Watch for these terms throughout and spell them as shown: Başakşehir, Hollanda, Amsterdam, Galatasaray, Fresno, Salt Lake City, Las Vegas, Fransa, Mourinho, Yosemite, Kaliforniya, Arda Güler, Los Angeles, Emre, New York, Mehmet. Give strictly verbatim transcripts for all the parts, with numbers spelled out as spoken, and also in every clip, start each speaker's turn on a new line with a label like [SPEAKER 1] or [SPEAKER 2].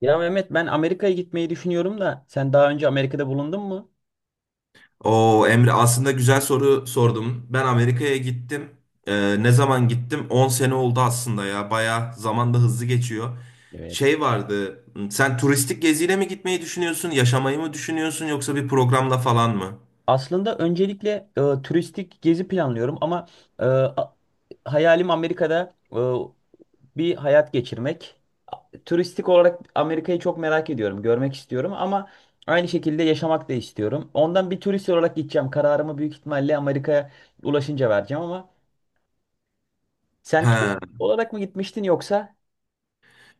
[SPEAKER 1] Ya Mehmet, ben Amerika'ya gitmeyi düşünüyorum da sen daha önce Amerika'da bulundun mu?
[SPEAKER 2] O Emre aslında güzel soru sordum. Ben Amerika'ya gittim. Ee, ne zaman gittim? On sene oldu aslında ya. Baya zaman da hızlı geçiyor.
[SPEAKER 1] Evet.
[SPEAKER 2] Şey vardı. Sen turistik geziyle mi gitmeyi düşünüyorsun? Yaşamayı mı düşünüyorsun? Yoksa bir programla falan mı?
[SPEAKER 1] Aslında öncelikle e, turistik gezi planlıyorum ama e, a- hayalim Amerika'da e, bir hayat geçirmek. Turistik olarak Amerika'yı çok merak ediyorum, görmek istiyorum ama aynı şekilde yaşamak da istiyorum. Ondan bir turist olarak gideceğim. Kararımı büyük ihtimalle Amerika'ya ulaşınca vereceğim ama sen turist
[SPEAKER 2] He.
[SPEAKER 1] olarak mı gitmiştin yoksa?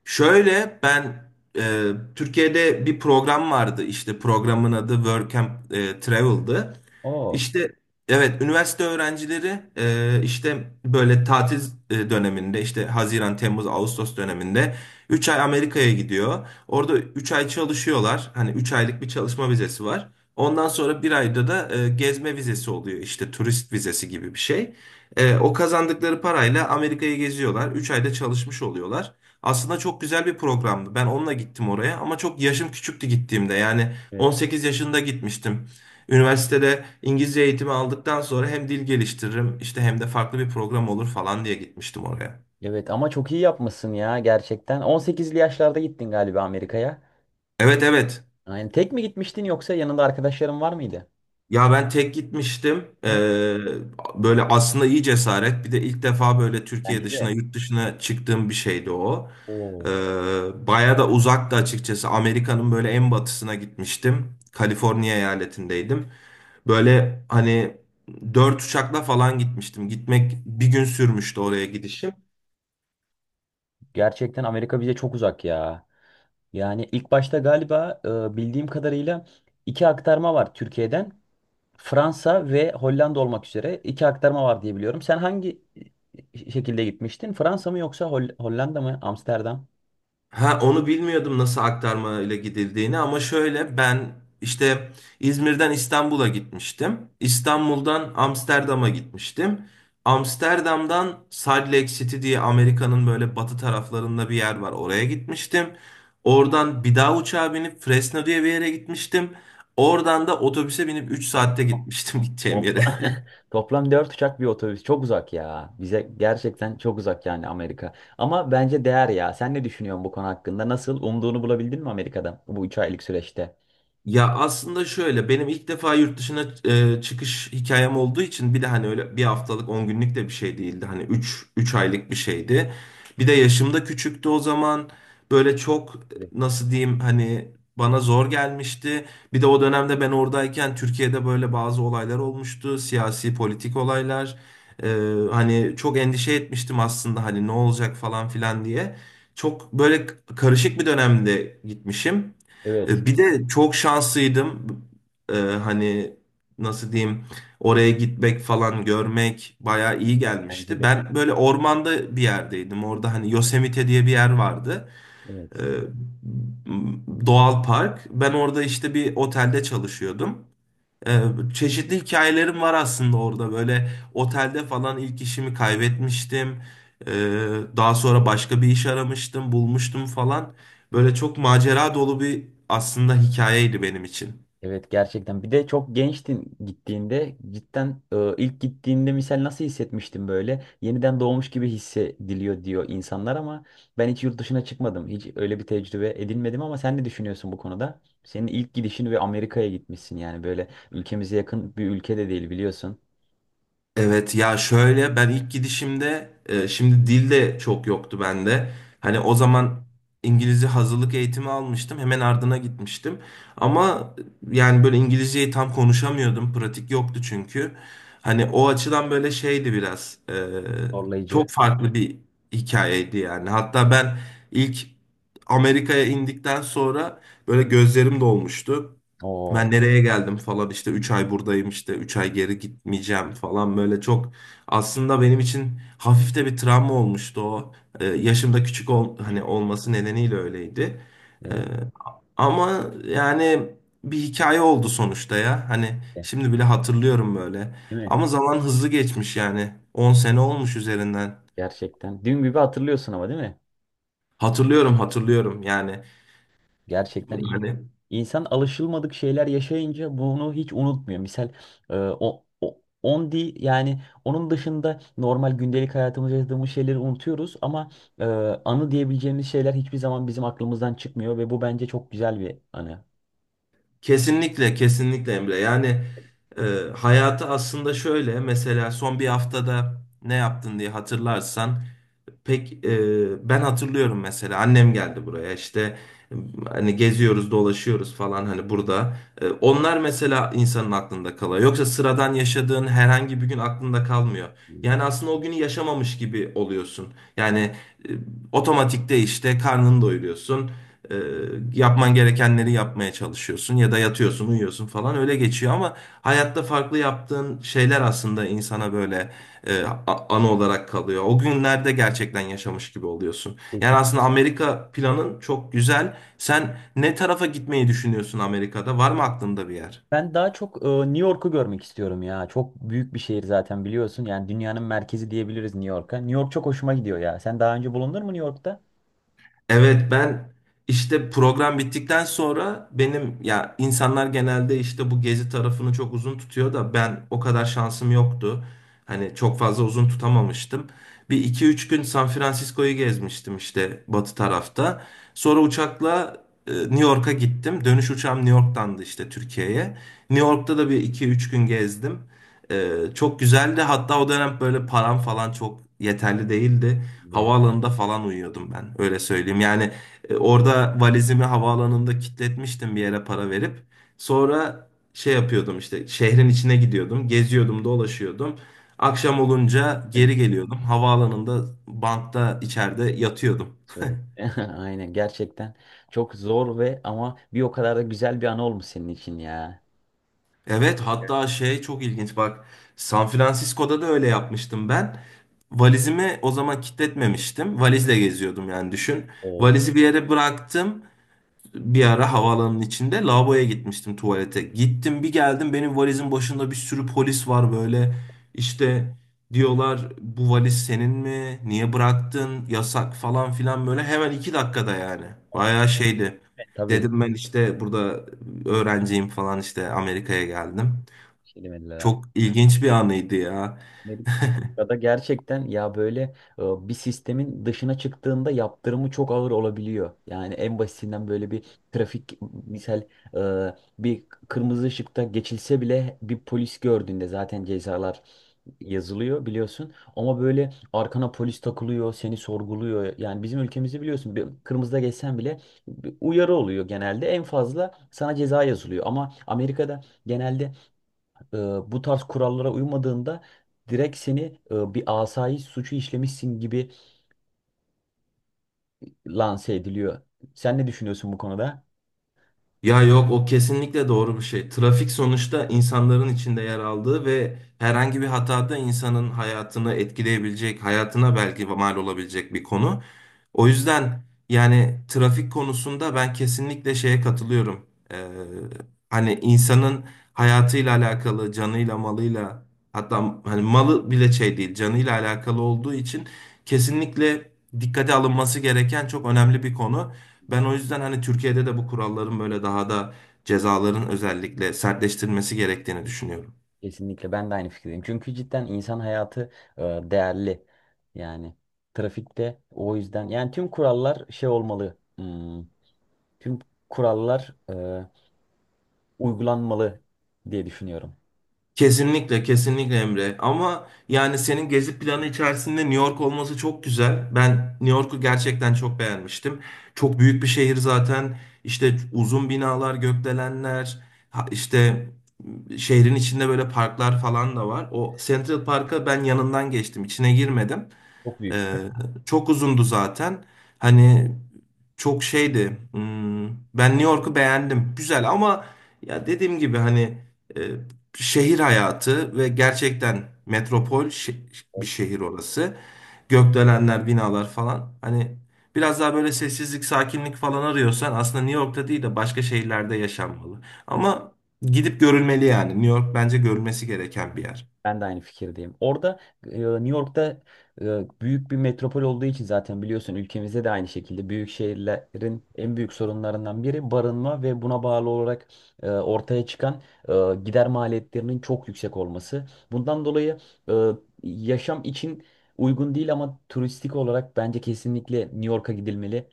[SPEAKER 2] Şöyle ben e, Türkiye'de bir program vardı, işte programın adı Work and e, Travel'dı.
[SPEAKER 1] Oo.
[SPEAKER 2] İşte evet, üniversite öğrencileri e, işte böyle tatil e, döneminde, işte Haziran, Temmuz, Ağustos döneminde üç ay Amerika'ya gidiyor. Orada üç ay çalışıyorlar. Hani üç aylık bir çalışma vizesi var. Ondan sonra bir ayda da e, gezme vizesi oluyor, işte turist vizesi gibi bir şey. E, o kazandıkları parayla Amerika'yı geziyorlar. Üç ayda çalışmış oluyorlar. Aslında çok güzel bir programdı. Ben onunla gittim oraya ama çok yaşım küçüktü gittiğimde. Yani
[SPEAKER 1] Evet.
[SPEAKER 2] on sekiz yaşında gitmiştim. Üniversitede İngilizce eğitimi aldıktan sonra hem dil geliştiririm işte hem de farklı bir program olur falan diye gitmiştim oraya.
[SPEAKER 1] Evet ama çok iyi yapmışsın ya gerçekten. on sekizli yaşlarda gittin galiba Amerika'ya.
[SPEAKER 2] Evet, evet.
[SPEAKER 1] Yani tek mi gitmiştin yoksa yanında arkadaşların var mıydı?
[SPEAKER 2] Ya ben tek gitmiştim. Ee,
[SPEAKER 1] O-
[SPEAKER 2] böyle aslında iyi cesaret. Bir de ilk defa böyle Türkiye
[SPEAKER 1] Bence
[SPEAKER 2] dışına,
[SPEAKER 1] de.
[SPEAKER 2] yurt dışına çıktığım bir şeydi o.
[SPEAKER 1] Oo.
[SPEAKER 2] Ee, Baya da uzaktı açıkçası. Amerika'nın böyle en batısına gitmiştim. Kaliforniya eyaletindeydim. Böyle hani dört uçakla falan gitmiştim. Gitmek bir gün sürmüştü, oraya gidişim.
[SPEAKER 1] Gerçekten Amerika bize çok uzak ya. Yani ilk başta galiba e, bildiğim kadarıyla iki aktarma var Türkiye'den. Fransa ve Hollanda olmak üzere iki aktarma var diye biliyorum. Sen hangi e, şekilde gitmiştin? Fransa mı yoksa Hol- Hollanda mı? Amsterdam?
[SPEAKER 2] Ha, onu bilmiyordum nasıl aktarma ile gidildiğini, ama şöyle ben işte İzmir'den İstanbul'a gitmiştim. İstanbul'dan Amsterdam'a gitmiştim. Amsterdam'dan Salt Lake City diye Amerika'nın böyle batı taraflarında bir yer var. Oraya gitmiştim. Oradan bir daha uçağa binip Fresno diye bir yere gitmiştim. Oradan da otobüse binip üç saatte gitmiştim gideceğim yere.
[SPEAKER 1] Topla- Toplam dört uçak, bir otobüs. Çok uzak ya. Bize gerçekten çok uzak yani Amerika. Ama bence değer ya. Sen ne düşünüyorsun bu konu hakkında? Nasıl? Umduğunu bulabildin mi Amerika'da bu üç aylık süreçte?
[SPEAKER 2] Ya aslında şöyle, benim ilk defa yurt dışına e, çıkış hikayem olduğu için, bir de hani öyle bir haftalık on günlük de bir şey değildi. Hani üç üç aylık bir şeydi. Bir de yaşım da küçüktü o zaman. Böyle çok,
[SPEAKER 1] Evet.
[SPEAKER 2] nasıl diyeyim hani, bana zor gelmişti. Bir de o dönemde ben oradayken Türkiye'de böyle bazı olaylar olmuştu. Siyasi politik olaylar. E, Hani çok endişe etmiştim aslında, hani ne olacak falan filan diye. Çok böyle karışık bir dönemde gitmişim.
[SPEAKER 1] Evet.
[SPEAKER 2] E, Bir de çok şanslıydım. E, hani nasıl diyeyim, oraya gitmek falan, görmek bayağı iyi
[SPEAKER 1] Bence
[SPEAKER 2] gelmişti.
[SPEAKER 1] de.
[SPEAKER 2] Ben böyle ormanda bir yerdeydim. Orada hani Yosemite diye bir yer vardı. E,
[SPEAKER 1] Evet.
[SPEAKER 2] m- Doğal park. Ben orada işte bir otelde çalışıyordum. Ee, Çeşitli hikayelerim var aslında orada. Böyle otelde falan ilk işimi kaybetmiştim. Ee, Daha sonra başka bir iş aramıştım, bulmuştum falan. Böyle çok macera dolu bir aslında hikayeydi benim için.
[SPEAKER 1] Evet gerçekten. Bir de çok gençtin gittiğinde cidden e, ilk gittiğinde misal nasıl hissetmiştim böyle? Yeniden doğmuş gibi hissediliyor diyor insanlar ama ben hiç yurt dışına çıkmadım. Hiç öyle bir tecrübe edinmedim ama sen ne düşünüyorsun bu konuda? Senin ilk gidişin ve Amerika'ya gitmişsin, yani böyle ülkemize yakın bir ülke de değil biliyorsun.
[SPEAKER 2] Evet ya, şöyle ben ilk gidişimde e, şimdi dil de çok yoktu bende. Hani o zaman İngilizce hazırlık eğitimi almıştım. Hemen ardına gitmiştim. Ama yani böyle İngilizceyi tam konuşamıyordum. Pratik yoktu çünkü. Hani o açıdan böyle şeydi biraz. E,
[SPEAKER 1] Zorlayıcı.
[SPEAKER 2] çok farklı bir hikayeydi yani. Hatta ben ilk Amerika'ya indikten sonra böyle gözlerim dolmuştu.
[SPEAKER 1] Oo.
[SPEAKER 2] Ben nereye geldim falan, işte üç ay buradayım, işte üç ay geri gitmeyeceğim falan, böyle çok aslında benim için hafif de bir travma olmuştu o. Ee, yaşımda küçük ol, hani
[SPEAKER 1] Küçük.
[SPEAKER 2] olması nedeniyle öyleydi. Ee,
[SPEAKER 1] Evet.
[SPEAKER 2] Ama yani bir hikaye oldu sonuçta ya. Hani şimdi bile hatırlıyorum böyle.
[SPEAKER 1] Değil mi?
[SPEAKER 2] Ama zaman hızlı geçmiş yani. On sene olmuş üzerinden.
[SPEAKER 1] Gerçekten. Dün gibi hatırlıyorsun ama değil mi?
[SPEAKER 2] Hatırlıyorum, hatırlıyorum yani.
[SPEAKER 1] Gerçekten iyi.
[SPEAKER 2] Yani
[SPEAKER 1] İnsan alışılmadık şeyler yaşayınca bunu hiç unutmuyor. Misal e, o, o on di yani onun dışında normal gündelik hayatımızda yaşadığımız şeyleri unutuyoruz ama e, anı diyebileceğimiz şeyler hiçbir zaman bizim aklımızdan çıkmıyor ve bu bence çok güzel bir anı.
[SPEAKER 2] kesinlikle, kesinlikle Emre. Yani e, hayatı aslında şöyle, mesela son bir haftada ne yaptın diye hatırlarsan, pek e, ben hatırlıyorum mesela, annem geldi buraya, işte e, hani geziyoruz, dolaşıyoruz falan hani burada. E, onlar mesela insanın aklında kalıyor. Yoksa sıradan yaşadığın herhangi bir gün aklında kalmıyor. Yani aslında o günü yaşamamış gibi oluyorsun. Yani e, otomatikte işte karnını doyuruyorsun. E, Yapman gerekenleri yapmaya çalışıyorsun, ya da yatıyorsun uyuyorsun falan, öyle geçiyor. Ama hayatta farklı yaptığın şeyler aslında insana böyle e, a- anı olarak kalıyor. O günlerde gerçekten yaşamış gibi oluyorsun. Yani
[SPEAKER 1] Kesin.
[SPEAKER 2] aslında Amerika planın çok güzel. Sen ne tarafa gitmeyi düşünüyorsun Amerika'da? Var mı aklında bir yer?
[SPEAKER 1] Ben daha çok e, New York'u görmek istiyorum ya. Çok büyük bir şehir zaten biliyorsun. Yani dünyanın merkezi diyebiliriz New York'a. New York çok hoşuma gidiyor ya. Sen daha önce bulundun mu New York'ta?
[SPEAKER 2] Evet, ben işte program bittikten sonra, benim ya, insanlar genelde işte bu gezi tarafını çok uzun tutuyor da, ben o kadar şansım yoktu. Hani çok fazla uzun tutamamıştım. Bir iki üç gün San Francisco'yu gezmiştim, işte batı tarafta. Sonra uçakla e, New York'a gittim. Dönüş uçağım New York'tandı, işte Türkiye'ye. New York'ta da bir iki üç gün gezdim. E, Çok güzeldi. Hatta o dönem böyle param falan çok yeterli değildi.
[SPEAKER 1] De.
[SPEAKER 2] Havaalanında falan uyuyordum ben, öyle söyleyeyim. Yani e, orada valizimi havaalanında kilitletmiştim bir yere para verip. Sonra şey yapıyordum, işte şehrin içine gidiyordum, geziyordum, dolaşıyordum. Akşam olunca geri geliyordum. Havaalanında bantta içeride yatıyordum.
[SPEAKER 1] Tüyo. Aynen, gerçekten çok zor ve ama bir o kadar da güzel bir an olmuş senin için ya.
[SPEAKER 2] Evet, hatta şey çok ilginç bak, San Francisco'da da öyle yapmıştım ben. Valizimi o zaman kilitletmemiştim. Valizle geziyordum yani, düşün.
[SPEAKER 1] O
[SPEAKER 2] Valizi bir yere bıraktım. Bir ara havaalanının içinde lavaboya gitmiştim, tuvalete. Gittim bir geldim, benim valizin başında bir sürü polis var böyle. İşte diyorlar, bu valiz senin mi? Niye bıraktın? Yasak falan filan, böyle hemen iki dakikada yani. Bayağı şeydi.
[SPEAKER 1] tabii.
[SPEAKER 2] Dedim ben işte burada öğrenciyim falan, işte Amerika'ya geldim.
[SPEAKER 1] Şey demediler abi.
[SPEAKER 2] Çok ilginç bir anıydı ya.
[SPEAKER 1] Ya da gerçekten ya, böyle e, bir sistemin dışına çıktığında yaptırımı çok ağır olabiliyor. Yani en basitinden böyle bir trafik misal e, bir kırmızı ışıkta geçilse bile bir polis gördüğünde zaten cezalar yazılıyor biliyorsun. Ama böyle arkana polis takılıyor, seni sorguluyor. Yani bizim ülkemizde biliyorsun bir kırmızıda geçsen bile bir uyarı oluyor genelde. En fazla sana ceza yazılıyor. Ama Amerika'da genelde e, bu tarz kurallara uymadığında direkt seni e, bir asayiş suçu işlemişsin gibi lanse ediliyor. Sen ne düşünüyorsun bu konuda?
[SPEAKER 2] Ya yok, o kesinlikle doğru bir şey. Trafik sonuçta insanların içinde yer aldığı ve herhangi bir hatada insanın hayatını etkileyebilecek, hayatına belki mal olabilecek bir konu. O yüzden yani trafik konusunda ben kesinlikle şeye katılıyorum. Ee, Hani insanın hayatıyla alakalı, canıyla, malıyla, hatta hani malı bile şey değil, canıyla alakalı olduğu için kesinlikle dikkate alınması gereken çok önemli bir konu. Ben o yüzden hani Türkiye'de de bu kuralların böyle daha da, cezaların özellikle sertleştirilmesi gerektiğini düşünüyorum.
[SPEAKER 1] Kesinlikle ben de aynı fikirdeyim. Çünkü cidden insan hayatı e, değerli. Yani trafikte, o yüzden yani tüm kurallar şey olmalı. Hmm, tüm kurallar e, uygulanmalı diye düşünüyorum.
[SPEAKER 2] Kesinlikle, kesinlikle Emre. Ama yani senin gezi planı içerisinde New York olması çok güzel. Ben New York'u gerçekten çok beğenmiştim. Çok büyük bir şehir zaten. İşte uzun binalar, gökdelenler, ha- işte şehrin içinde böyle parklar falan da var. O Central Park'a ben yanından geçtim, içine girmedim. Ee, Çok uzundu zaten. Hani çok şeydi. Hmm, ben New York'u beğendim. Güzel ama, ya dediğim gibi hani e, şehir hayatı ve gerçekten metropol şe- bir şehir orası. Gökdelenler, binalar falan. Hani biraz daha böyle sessizlik, sakinlik falan arıyorsan, aslında New York'ta değil de başka şehirlerde yaşanmalı. Ama gidip görülmeli yani. New York bence görülmesi gereken bir yer.
[SPEAKER 1] Ben de aynı fikirdeyim. Orada e, New York'ta e, büyük bir metropol olduğu için zaten biliyorsun, ülkemizde de aynı şekilde büyük şehirlerin en büyük sorunlarından biri barınma ve buna bağlı olarak e, ortaya çıkan e, gider maliyetlerinin çok yüksek olması. Bundan dolayı e, yaşam için uygun değil ama turistik olarak bence kesinlikle New York'a gidilmeli.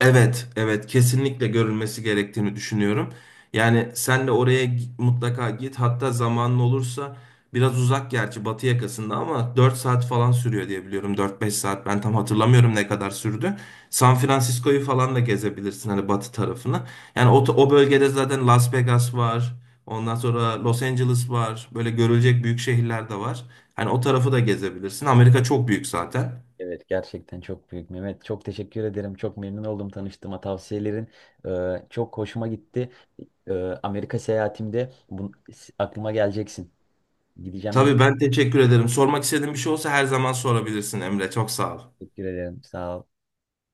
[SPEAKER 2] Evet, evet kesinlikle görülmesi gerektiğini düşünüyorum. Yani sen de oraya gi- mutlaka git. Hatta zamanın olursa, biraz uzak gerçi batı yakasında, ama dört saat falan sürüyor diye biliyorum. Dört beş saat, ben tam hatırlamıyorum ne kadar sürdü. San Francisco'yu falan da gezebilirsin, hani batı tarafını. Yani o, o bölgede zaten Las Vegas var. Ondan sonra Los Angeles var. Böyle görülecek büyük şehirler de var. Hani o tarafı da gezebilirsin. Amerika çok büyük zaten.
[SPEAKER 1] Evet gerçekten çok büyük Mehmet. Çok teşekkür ederim. Çok memnun oldum tanıştığıma. Tavsiyelerin e, çok hoşuma gitti. E, Amerika seyahatimde bun- aklıma geleceksin. Gideceğim diye
[SPEAKER 2] Tabii, ben teşekkür ederim. Sormak istediğin bir şey olsa her zaman sorabilirsin Emre. Çok sağ ol.
[SPEAKER 1] teşekkür ederim. Sağ ol.